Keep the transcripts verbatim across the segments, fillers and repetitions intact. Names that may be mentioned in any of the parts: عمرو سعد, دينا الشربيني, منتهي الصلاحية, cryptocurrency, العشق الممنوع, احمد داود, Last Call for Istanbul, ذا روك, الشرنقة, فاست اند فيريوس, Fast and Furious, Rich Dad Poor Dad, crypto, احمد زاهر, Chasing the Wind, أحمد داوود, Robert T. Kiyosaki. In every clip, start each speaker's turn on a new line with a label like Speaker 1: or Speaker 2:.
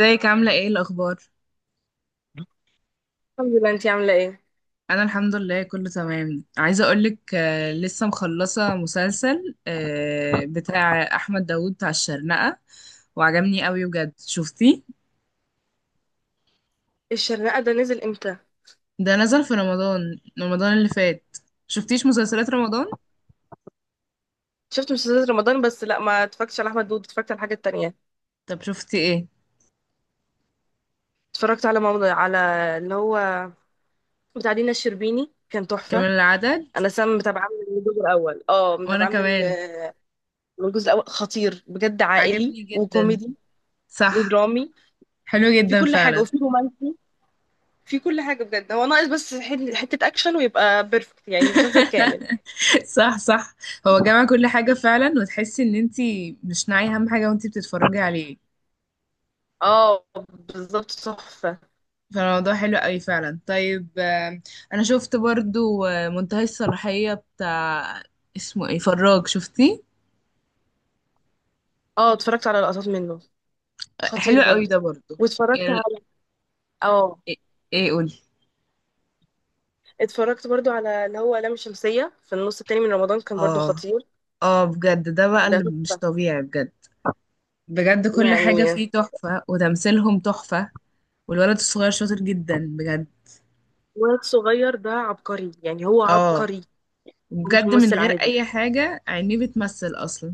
Speaker 1: ازيك عاملة ايه الأخبار؟
Speaker 2: الحمد لله. انتي عامله ايه إيه
Speaker 1: أنا الحمد لله كله تمام عايزة أقولك آه، لسه مخلصة مسلسل آه، بتاع أحمد داوود بتاع الشرنقة وعجبني قوي بجد شفتيه؟
Speaker 2: الشرنقه ده نزل امتى؟
Speaker 1: ده نزل في رمضان رمضان اللي فات. شفتيش مسلسلات رمضان؟
Speaker 2: شفت مسلسلات رمضان، بس لا، ما اتفرجتش على احمد داود، اتفرجت على الحاجه التانية.
Speaker 1: طب شفتي ايه؟
Speaker 2: اتفرجت على ماما، على اللي هو بتاع دينا الشربيني كان تحفه.
Speaker 1: كمان العدد.
Speaker 2: انا سام متابعه من الجزء الاول، اه
Speaker 1: وأنا
Speaker 2: متابعه من
Speaker 1: كمان.
Speaker 2: ال- من الجزء الاول. خطير بجد، عائلي
Speaker 1: عجبني جدا.
Speaker 2: وكوميدي
Speaker 1: صح.
Speaker 2: ودرامي،
Speaker 1: حلو
Speaker 2: في
Speaker 1: جدا
Speaker 2: كل حاجه،
Speaker 1: فعلا.
Speaker 2: وفي رومانسي، في كل حاجه بجد. هو ناقص بس حل- حته اكشن ويبقى بيرفكت، يعني مسلسل كامل.
Speaker 1: صح صح. هو جمع كل حاجة فعلا وتحسي ان انتي مش ناعية أهم حاجة وانتي بتتفرجي عليه.
Speaker 2: اه بالظبط، تحفه.
Speaker 1: فالموضوع حلو قوي فعلا. طيب آم، انا شفت برضو آه، منتهي الصلاحية بتاع اسمه ايه فراج شفتيه؟
Speaker 2: اه اتفرجت على لقطات منه،
Speaker 1: آه،
Speaker 2: خطير
Speaker 1: حلو قوي
Speaker 2: برضو.
Speaker 1: ده برضو.
Speaker 2: واتفرجت،
Speaker 1: يعني.
Speaker 2: اه
Speaker 1: ايه. إيه قولي.
Speaker 2: اتفرجت برضو على اللي هو لام شمسية في النص التاني من رمضان، كان برضو
Speaker 1: اه.
Speaker 2: خطير.
Speaker 1: اه بجد ده بقى
Speaker 2: ده
Speaker 1: اللي مش
Speaker 2: تحفة.
Speaker 1: طبيعي بجد. بجد كل حاجة
Speaker 2: يعني
Speaker 1: فيه تحفة وتمثيلهم تحفة. والولد الصغير شاطر جدا بجد.
Speaker 2: واد صغير ده عبقري، يعني هو
Speaker 1: اه
Speaker 2: عبقري، هو مش
Speaker 1: بجد من
Speaker 2: ممثل
Speaker 1: غير
Speaker 2: عادي.
Speaker 1: اي حاجة عينيه بتمثل اصلا.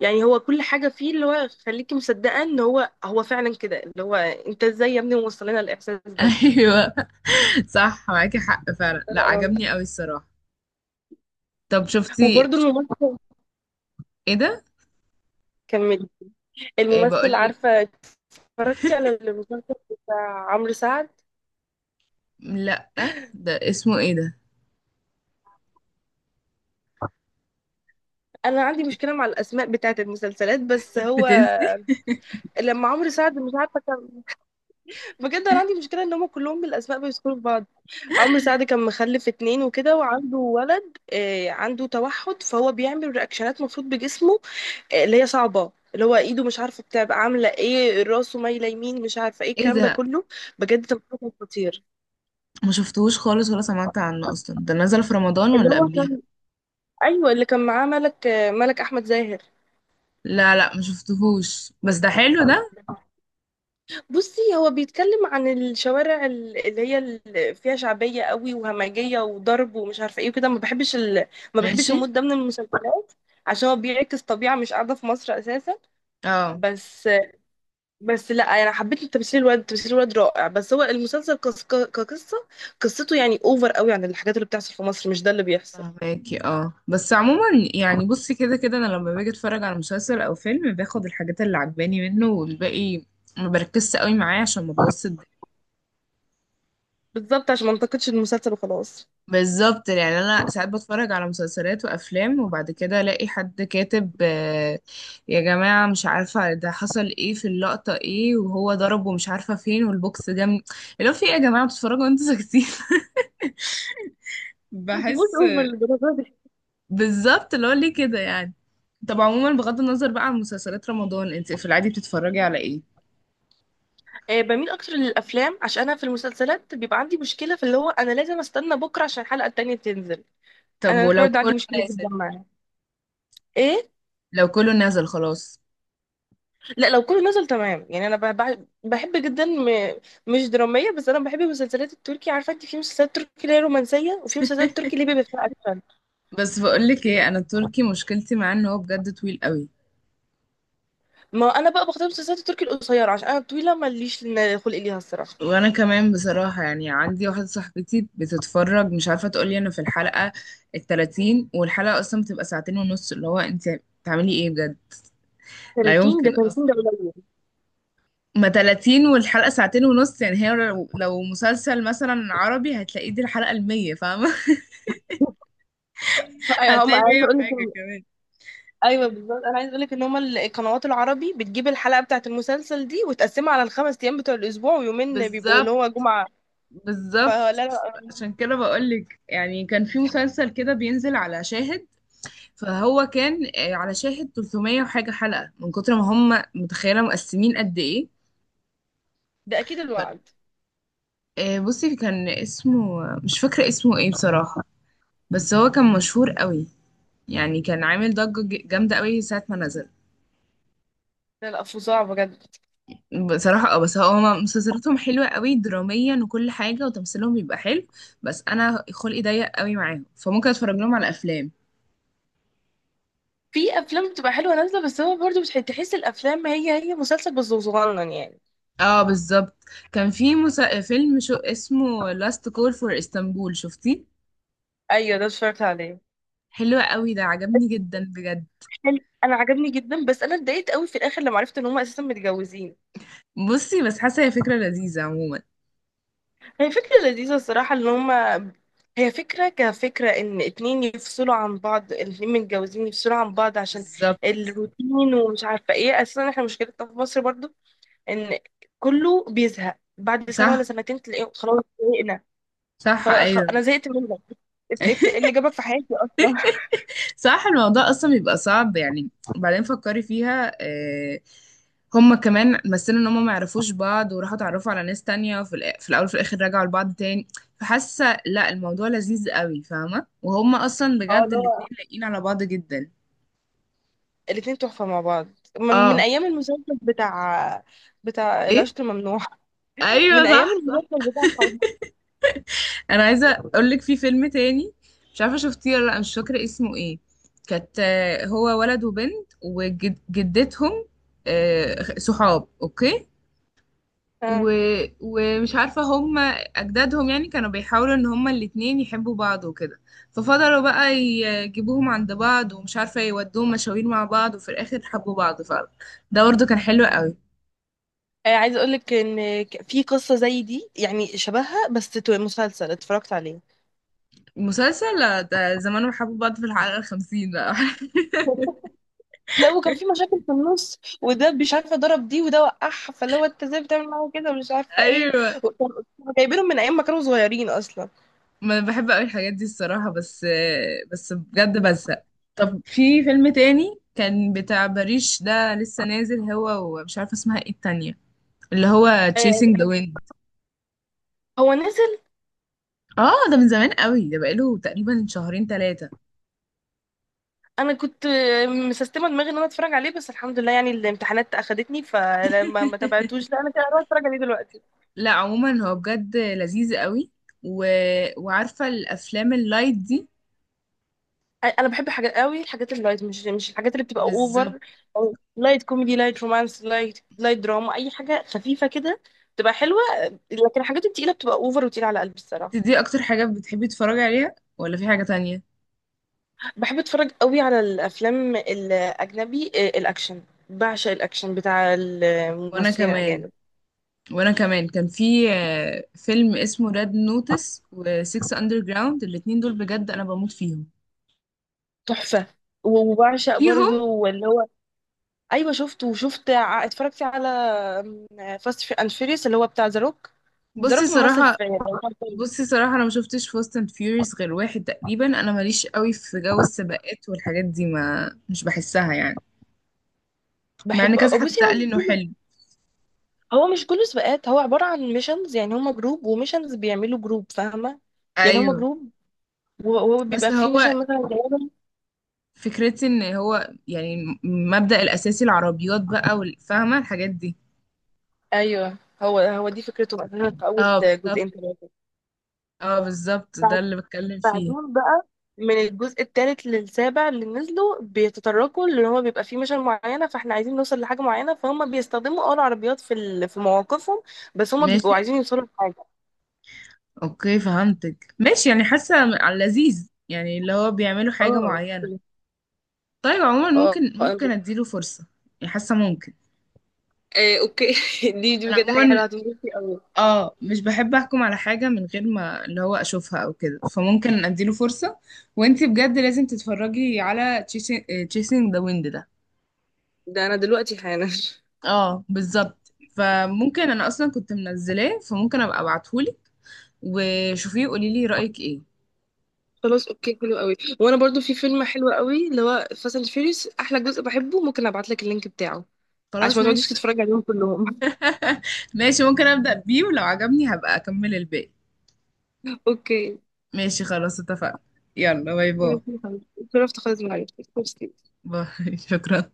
Speaker 2: يعني هو كل حاجة فيه اللي هو خليكي مصدقة ان هو هو فعلا كده، اللي هو انت ازاي يا ابني موصل لنا الاحساس ده.
Speaker 1: ايوه. صح معاكي حق فعلا.
Speaker 2: لا،
Speaker 1: لا
Speaker 2: لا، رهيب.
Speaker 1: عجبني قوي الصراحة. طب شفتي
Speaker 2: وبرضو
Speaker 1: شف...
Speaker 2: الممثل،
Speaker 1: ايه ده.
Speaker 2: كملي.
Speaker 1: إيه
Speaker 2: الممثل،
Speaker 1: بقولك.
Speaker 2: عارفة، اتفرجتي على المسلسل بتاع عمرو سعد؟
Speaker 1: لأ. ده اسمه ايه ده.
Speaker 2: انا عندي مشكلة مع الاسماء بتاعت المسلسلات، بس هو
Speaker 1: بتنسي.
Speaker 2: لما عمرو سعد مش عارفة، بجد انا عندي مشكله ان هم كلهم بالاسماء بيذكروا في بعض. عمرو سعد كان مخلف اتنين وكده، وعنده ولد، آه، عنده توحد، فهو بيعمل رياكشنات مفروض بجسمه، آه، اللي هي صعبه، اللي هو ايده مش عارفه بتبقى عامله ايه، راسه مايله يمين، مش عارفه ايه
Speaker 1: ايه
Speaker 2: الكلام ده
Speaker 1: ده.
Speaker 2: كله. بجد تمثيله كان خطير.
Speaker 1: ما شفتهوش خالص ولا سمعت عنه اصلا، ده نزل في رمضان
Speaker 2: اللي
Speaker 1: ولا
Speaker 2: هو
Speaker 1: قبليها؟
Speaker 2: كان، ايوه اللي كان معاه ملك، آه، ملك احمد زاهر.
Speaker 1: لا لا ما شفتهوش بس ده حلو ده.
Speaker 2: بصي هو بيتكلم عن الشوارع ال- اللي هي ال- فيها شعبيه قوي وهمجيه وضرب ومش عارفه ايه وكده. ما بحبش ال... ما بحبش
Speaker 1: ماشي.
Speaker 2: المود ده من المسلسلات، عشان هو بيعكس طبيعة مش قاعدة في مصر أساسا.
Speaker 1: اه
Speaker 2: بس بس لا، أنا حبيت تمثيل الواد، تمثيل الواد رائع، بس هو المسلسل كس- ك- كقصة، قصته يعني أوفر قوي عن الحاجات اللي بتحصل في مصر، مش ده اللي بيحصل.
Speaker 1: فهماكي. اه بس عموما يعني بصي كده كده، انا لما باجي اتفرج على مسلسل او فيلم باخد الحاجات اللي عجباني منه والباقي ما بركزش قوي معاه عشان ما بوظش.
Speaker 2: بالظبط، عشان ما انتقدش المسلسل وخلاص.
Speaker 1: بالظبط. يعني انا ساعات بتفرج على مسلسلات وافلام وبعد كده الاقي حد كاتب، آه، يا جماعه مش عارفه ده حصل ايه في اللقطه، ايه وهو ضربه مش عارفه فين والبوكس جه من- اللي هو في ايه يا جماعه بتتفرجوا وانتوا ساكتين.
Speaker 2: ما تبقوش
Speaker 1: بحس.
Speaker 2: اوفر للدرجه دي.
Speaker 1: بالظبط اللي هو ليه كده يعني. طب عموما بغض النظر بقى عن مسلسلات رمضان، انت في العادي بتتفرجي على ايه؟
Speaker 2: آه، بميل اكتر للافلام، عشان انا في المسلسلات بيبقى عندي مشكله في اللي هو انا لازم استنى بكره عشان الحلقه التانيه تنزل.
Speaker 1: طب
Speaker 2: انا الحوار
Speaker 1: ولو
Speaker 2: ده عندي
Speaker 1: كله
Speaker 2: مشكله جدا
Speaker 1: نازل.
Speaker 2: معاه. ايه؟
Speaker 1: لو كله نازل خلاص.
Speaker 2: لا، لو كله نزل تمام، يعني انا ب- ب- بحب جدا، م... مش دراميه، بس انا بحب المسلسلات التركي. عارفه انت في مسلسلات تركي اللي هي رومانسيه، وفي مسلسلات تركي اللي بيبقى فيها اكشن.
Speaker 1: بس بقولك ايه، انا التركي مشكلتي معاه ان هو بجد طويل قوي.
Speaker 2: ما انا بقى بختار المسلسلات التركي القصيره، عشان انا الطويله ماليش لن- خلق ليها الصراحه.
Speaker 1: وانا كمان بصراحة، يعني عندي واحدة صاحبتي بتتفرج مش عارفة تقولي انا في الحلقة التلاتين والحلقة اصلا بتبقى ساعتين ونص، اللي هو انت بتعملي ايه بجد. لا
Speaker 2: تلاتين ده
Speaker 1: يمكن
Speaker 2: تلاتين
Speaker 1: اصلا.
Speaker 2: ده قليل.
Speaker 1: ما تلاتين والحلقة ساعتين ونص، يعني هي لو لو مسلسل مثلا عربي هتلاقيه دي الحلقة المية، فاهمة؟
Speaker 2: ايوه هم
Speaker 1: هتلاقي مية
Speaker 2: عايزه اقول لك
Speaker 1: وحاجة
Speaker 2: إن-
Speaker 1: كمان.
Speaker 2: ايوه بالظبط، انا عايزه اقول لك ان هم القنوات العربي بتجيب الحلقه بتاعه المسلسل دي وتقسمها على الخمس ايام بتوع الاسبوع، ويومين بيبقوا اللي
Speaker 1: بالظبط.
Speaker 2: هو جمعه. فلا،
Speaker 1: بالظبط.
Speaker 2: لا
Speaker 1: عشان كده بقولك يعني كان في مسلسل كده بينزل على شاهد، فهو كان آه، على شاهد ثلاث مية وحاجة حلقة من كتر ما هم، متخيلة مقسمين قد ايه.
Speaker 2: ده اكيد
Speaker 1: ف-
Speaker 2: الوعد.
Speaker 1: آه، بصي كان اسمه مش فاكرة اسمه ايه بصراحة، بس هو كان مشهور قوي. يعني كان عامل ضجة ج- جامدة قوي ساعة ما نزل
Speaker 2: لا، لا فظاع بجد.
Speaker 1: بصراحة. اه بس هو هما مسلسلاتهم حلوة قوي دراميا وكل حاجة وتمثيلهم بيبقى حلو، بس انا خلقي ضيق قوي معاهم فممكن اتفرج لهم على افلام.
Speaker 2: في افلام بتبقى حلوه نازله، بس هو برضه مش تحس، الافلام هي هي مسلسل بس صغنن يعني.
Speaker 1: اه بالظبط. كان في مسا... فيلم شو اسمه Last Call for Istanbul، شفتيه؟
Speaker 2: ايوه، ده اتفرجت عليه.
Speaker 1: حلو قوي ده عجبني جدا بجد.
Speaker 2: حلو، انا عجبني جدا، بس انا اتضايقت قوي في الاخر لما عرفت ان هم اساسا متجوزين.
Speaker 1: بصي بس حاسه هي فكره لذيذه عموما.
Speaker 2: هي فكره لذيذه الصراحه ان هم، هي فكره كفكره ان اتنين يفصلوا عن بعض، الاتنين متجوزين يفصلوا عن بعض عشان
Speaker 1: بالظبط.
Speaker 2: الروتين ومش عارفه ايه، اساسا احنا مشكلتنا في مصر برضه ان كله بيزهق بعد سنه ولا
Speaker 1: صح.
Speaker 2: سنتين، تلاقيه خلاص زهقنا.
Speaker 1: صح.
Speaker 2: خلاص خلاص-
Speaker 1: ايوه.
Speaker 2: انا زهقت منك. إنت- إنت إيه اللي جابك في حياتي اصلا.
Speaker 1: صح. الموضوع اصلا بيبقى صعب يعني. وبعدين فكري فيها، آه، هما كمان مثلوا ان هما ما يعرفوش بعض وراحوا اتعرفوا على ناس تانية، وفي الآ- في الاول وفي الاخر رجعوا لبعض تاني. فحاسه لا الموضوع لذيذ قوي، فاهمه؟ وهما اصلا
Speaker 2: اه
Speaker 1: بجد
Speaker 2: اللي
Speaker 1: الاتنين
Speaker 2: هو
Speaker 1: لايقين على بعض جدا.
Speaker 2: الاتنين تحفة مع بعض، م- من
Speaker 1: اه.
Speaker 2: أيام المسلسل بتاع، بتاع
Speaker 1: ايه.
Speaker 2: العشق الممنوع.
Speaker 1: ايوه
Speaker 2: من أيام
Speaker 1: صح.
Speaker 2: المسلسل بتاع حب.
Speaker 1: انا عايزه اقول لك في فيلم تاني مش عارفه شفتيه ولا لا، مش فاكره اسمه ايه. كانت، آه، هو ولد وبنت وجدتهم صحاب، اوكي. و...
Speaker 2: آه.
Speaker 1: ومش عارفه هم اجدادهم يعني كانوا بيحاولوا ان هم الاتنين يحبوا بعض وكده. ففضلوا بقى يجيبوهم عند بعض ومش عارفه يودوهم مشاوير مع بعض، وفي الاخر حبوا بعض فعلا. ده برضه كان حلو قوي.
Speaker 2: آه، عايزة أقولك إن ك- في قصة زي دي يعني شبهها، بس تو- مسلسل اتفرجت عليه.
Speaker 1: مسلسل لا، ده زمانهم حبوا بعض في الحلقه الخمسين بقى.
Speaker 2: لا، وكان في مشاكل في النص، وده مش عارفة ضرب دي وده وقعها، فاللي هو انت ازاي بتعمل معاه كده، ومش عارفة ايه.
Speaker 1: ايوه.
Speaker 2: وكان- كانوا جايبينهم من أيام ما كانوا صغيرين أصلا.
Speaker 1: ما انا بحب قوي الحاجات دي الصراحة بس. بس بجد بزهق. طب في فيلم تاني كان بتاع باريش، ده لسه نازل هو ومش عارفة اسمها ايه التانية، اللي هو Chasing
Speaker 2: آه،
Speaker 1: the Wind.
Speaker 2: هو نزل.
Speaker 1: اه ده من زمان قوي، ده بقاله تقريبا شهرين ثلاثة.
Speaker 2: انا كنت مسستمه دماغي ان انا اتفرج عليه، بس الحمد لله يعني الامتحانات اخدتني فلما ما تابعتوش، لا، انا كده انا اتفرج عليه دلوقتي.
Speaker 1: لا عموما هو بجد لذيذ قوي. و... وعارفة الافلام اللايت دي.
Speaker 2: انا بحب حاجات قوي الحاجات اللايت، مش مش الحاجات اللي بتبقى
Speaker 1: بالظبط.
Speaker 2: اوفر، أو لايت كوميدي، لايت رومانس، لايت، لايت دراما، اي حاجه خفيفه كده بتبقى حلوه. لكن الحاجات التقيله بتبقى اوفر وتقيله على قلبي الصراحه.
Speaker 1: دي اكتر حاجة بتحبي تتفرجي عليها ولا في حاجة تانية؟
Speaker 2: بحب اتفرج قوي على الافلام الاجنبي، آه، الاكشن، بعشق الاكشن بتاع
Speaker 1: وانا
Speaker 2: الممثلين
Speaker 1: كمان.
Speaker 2: الاجانب.
Speaker 1: وانا كمان كان في آه، فيلم اسمه ريد نوتس وسيكس اندر جراوند، الاتنين دول بجد انا بموت فيهم.
Speaker 2: تحفه. وبعشق
Speaker 1: فيهم
Speaker 2: برضو اللي هو، ايوه شفته. وشفت، ع- اتفرجت على فاست اند فيريوس، اللي هو بتاع ذا روك. ذا
Speaker 1: بصي
Speaker 2: روك ممثل،
Speaker 1: صراحة.
Speaker 2: في،
Speaker 1: بصي صراحة انا ما شفتش فاست اند فيوريوس غير واحد تقريبا، انا ماليش قوي في جو السباقات والحاجات دي، ما مش بحسها يعني. مع ان
Speaker 2: بحبه
Speaker 1: كذا
Speaker 2: أوي.
Speaker 1: حد
Speaker 2: بصي
Speaker 1: قال لي انه
Speaker 2: هو،
Speaker 1: حلو.
Speaker 2: هو مش كله سباقات، هو عباره عن ميشنز، يعني هما جروب وميشنز بيعملوا جروب، فاهمه؟ يعني هما
Speaker 1: ايوه
Speaker 2: جروب، و- وهو
Speaker 1: بس
Speaker 2: بيبقى فيه
Speaker 1: هو
Speaker 2: ميشن مثلا جايبهم.
Speaker 1: فكرتي ان هو يعني مبدأ الاساسي العربيات بقى والفاهمة الحاجات دي.
Speaker 2: ايوه هو هو دي فكرته، مثلا في اول
Speaker 1: طب.
Speaker 2: جزئين ثلاثه.
Speaker 1: اه بالظبط ده اللي بتكلم فيه.
Speaker 2: بعدين بقى من الجزء الثالث للسابع اللي نزلوا بيتطرقوا اللي هو بيبقى فيه مشن معينه، فاحنا عايزين نوصل لحاجه معينه فهم بيستخدموا اه العربيات في ال... في مواقفهم، بس هم
Speaker 1: ماشي.
Speaker 2: بيبقوا عايزين يوصلوا لحاجه.
Speaker 1: اوكي فهمتك ماشي، يعني حاسه على اللذيذ يعني اللي هو بيعملوا حاجه
Speaker 2: اه،
Speaker 1: معينه. طيب عموما
Speaker 2: اه،
Speaker 1: ممكن ممكن اديله فرصه. يعني حاسه ممكن.
Speaker 2: آه، اوكي، دي دي
Speaker 1: انا
Speaker 2: بجد حاجه
Speaker 1: عموما
Speaker 2: حلوه هتنبسطي قوي.
Speaker 1: اه مش بحب احكم على حاجه من غير ما اللي هو اشوفها او كده، فممكن اديله فرصه. وانتي بجد لازم تتفرجي على تشيسنج ذا ويند ده.
Speaker 2: ده انا دلوقتي حالا.
Speaker 1: اه بالظبط. فممكن انا اصلا كنت منزلاه، فممكن ابقى ابعتهولك وشوفيه وقولي لي رايك ايه.
Speaker 2: خلاص، اوكي، حلو قوي. وانا برضو في فيلم حلو قوي اللي هو فاست اند فيوريوس احلى جزء بحبه، ممكن ابعت لك اللينك بتاعه عشان
Speaker 1: خلاص
Speaker 2: ما تقعديش
Speaker 1: ماشي. لا.
Speaker 2: تتفرجي عليهم كلهم.
Speaker 1: ماشي ممكن ابدا بيه ولو عجبني هبقى اكمل الباقي.
Speaker 2: اوكي
Speaker 1: ماشي خلاص اتفقنا. يلا باي باي.
Speaker 2: ماشي يا حبيبتي. اتشرفت خالص معاكي، ميرسي.
Speaker 1: باي. شكرا.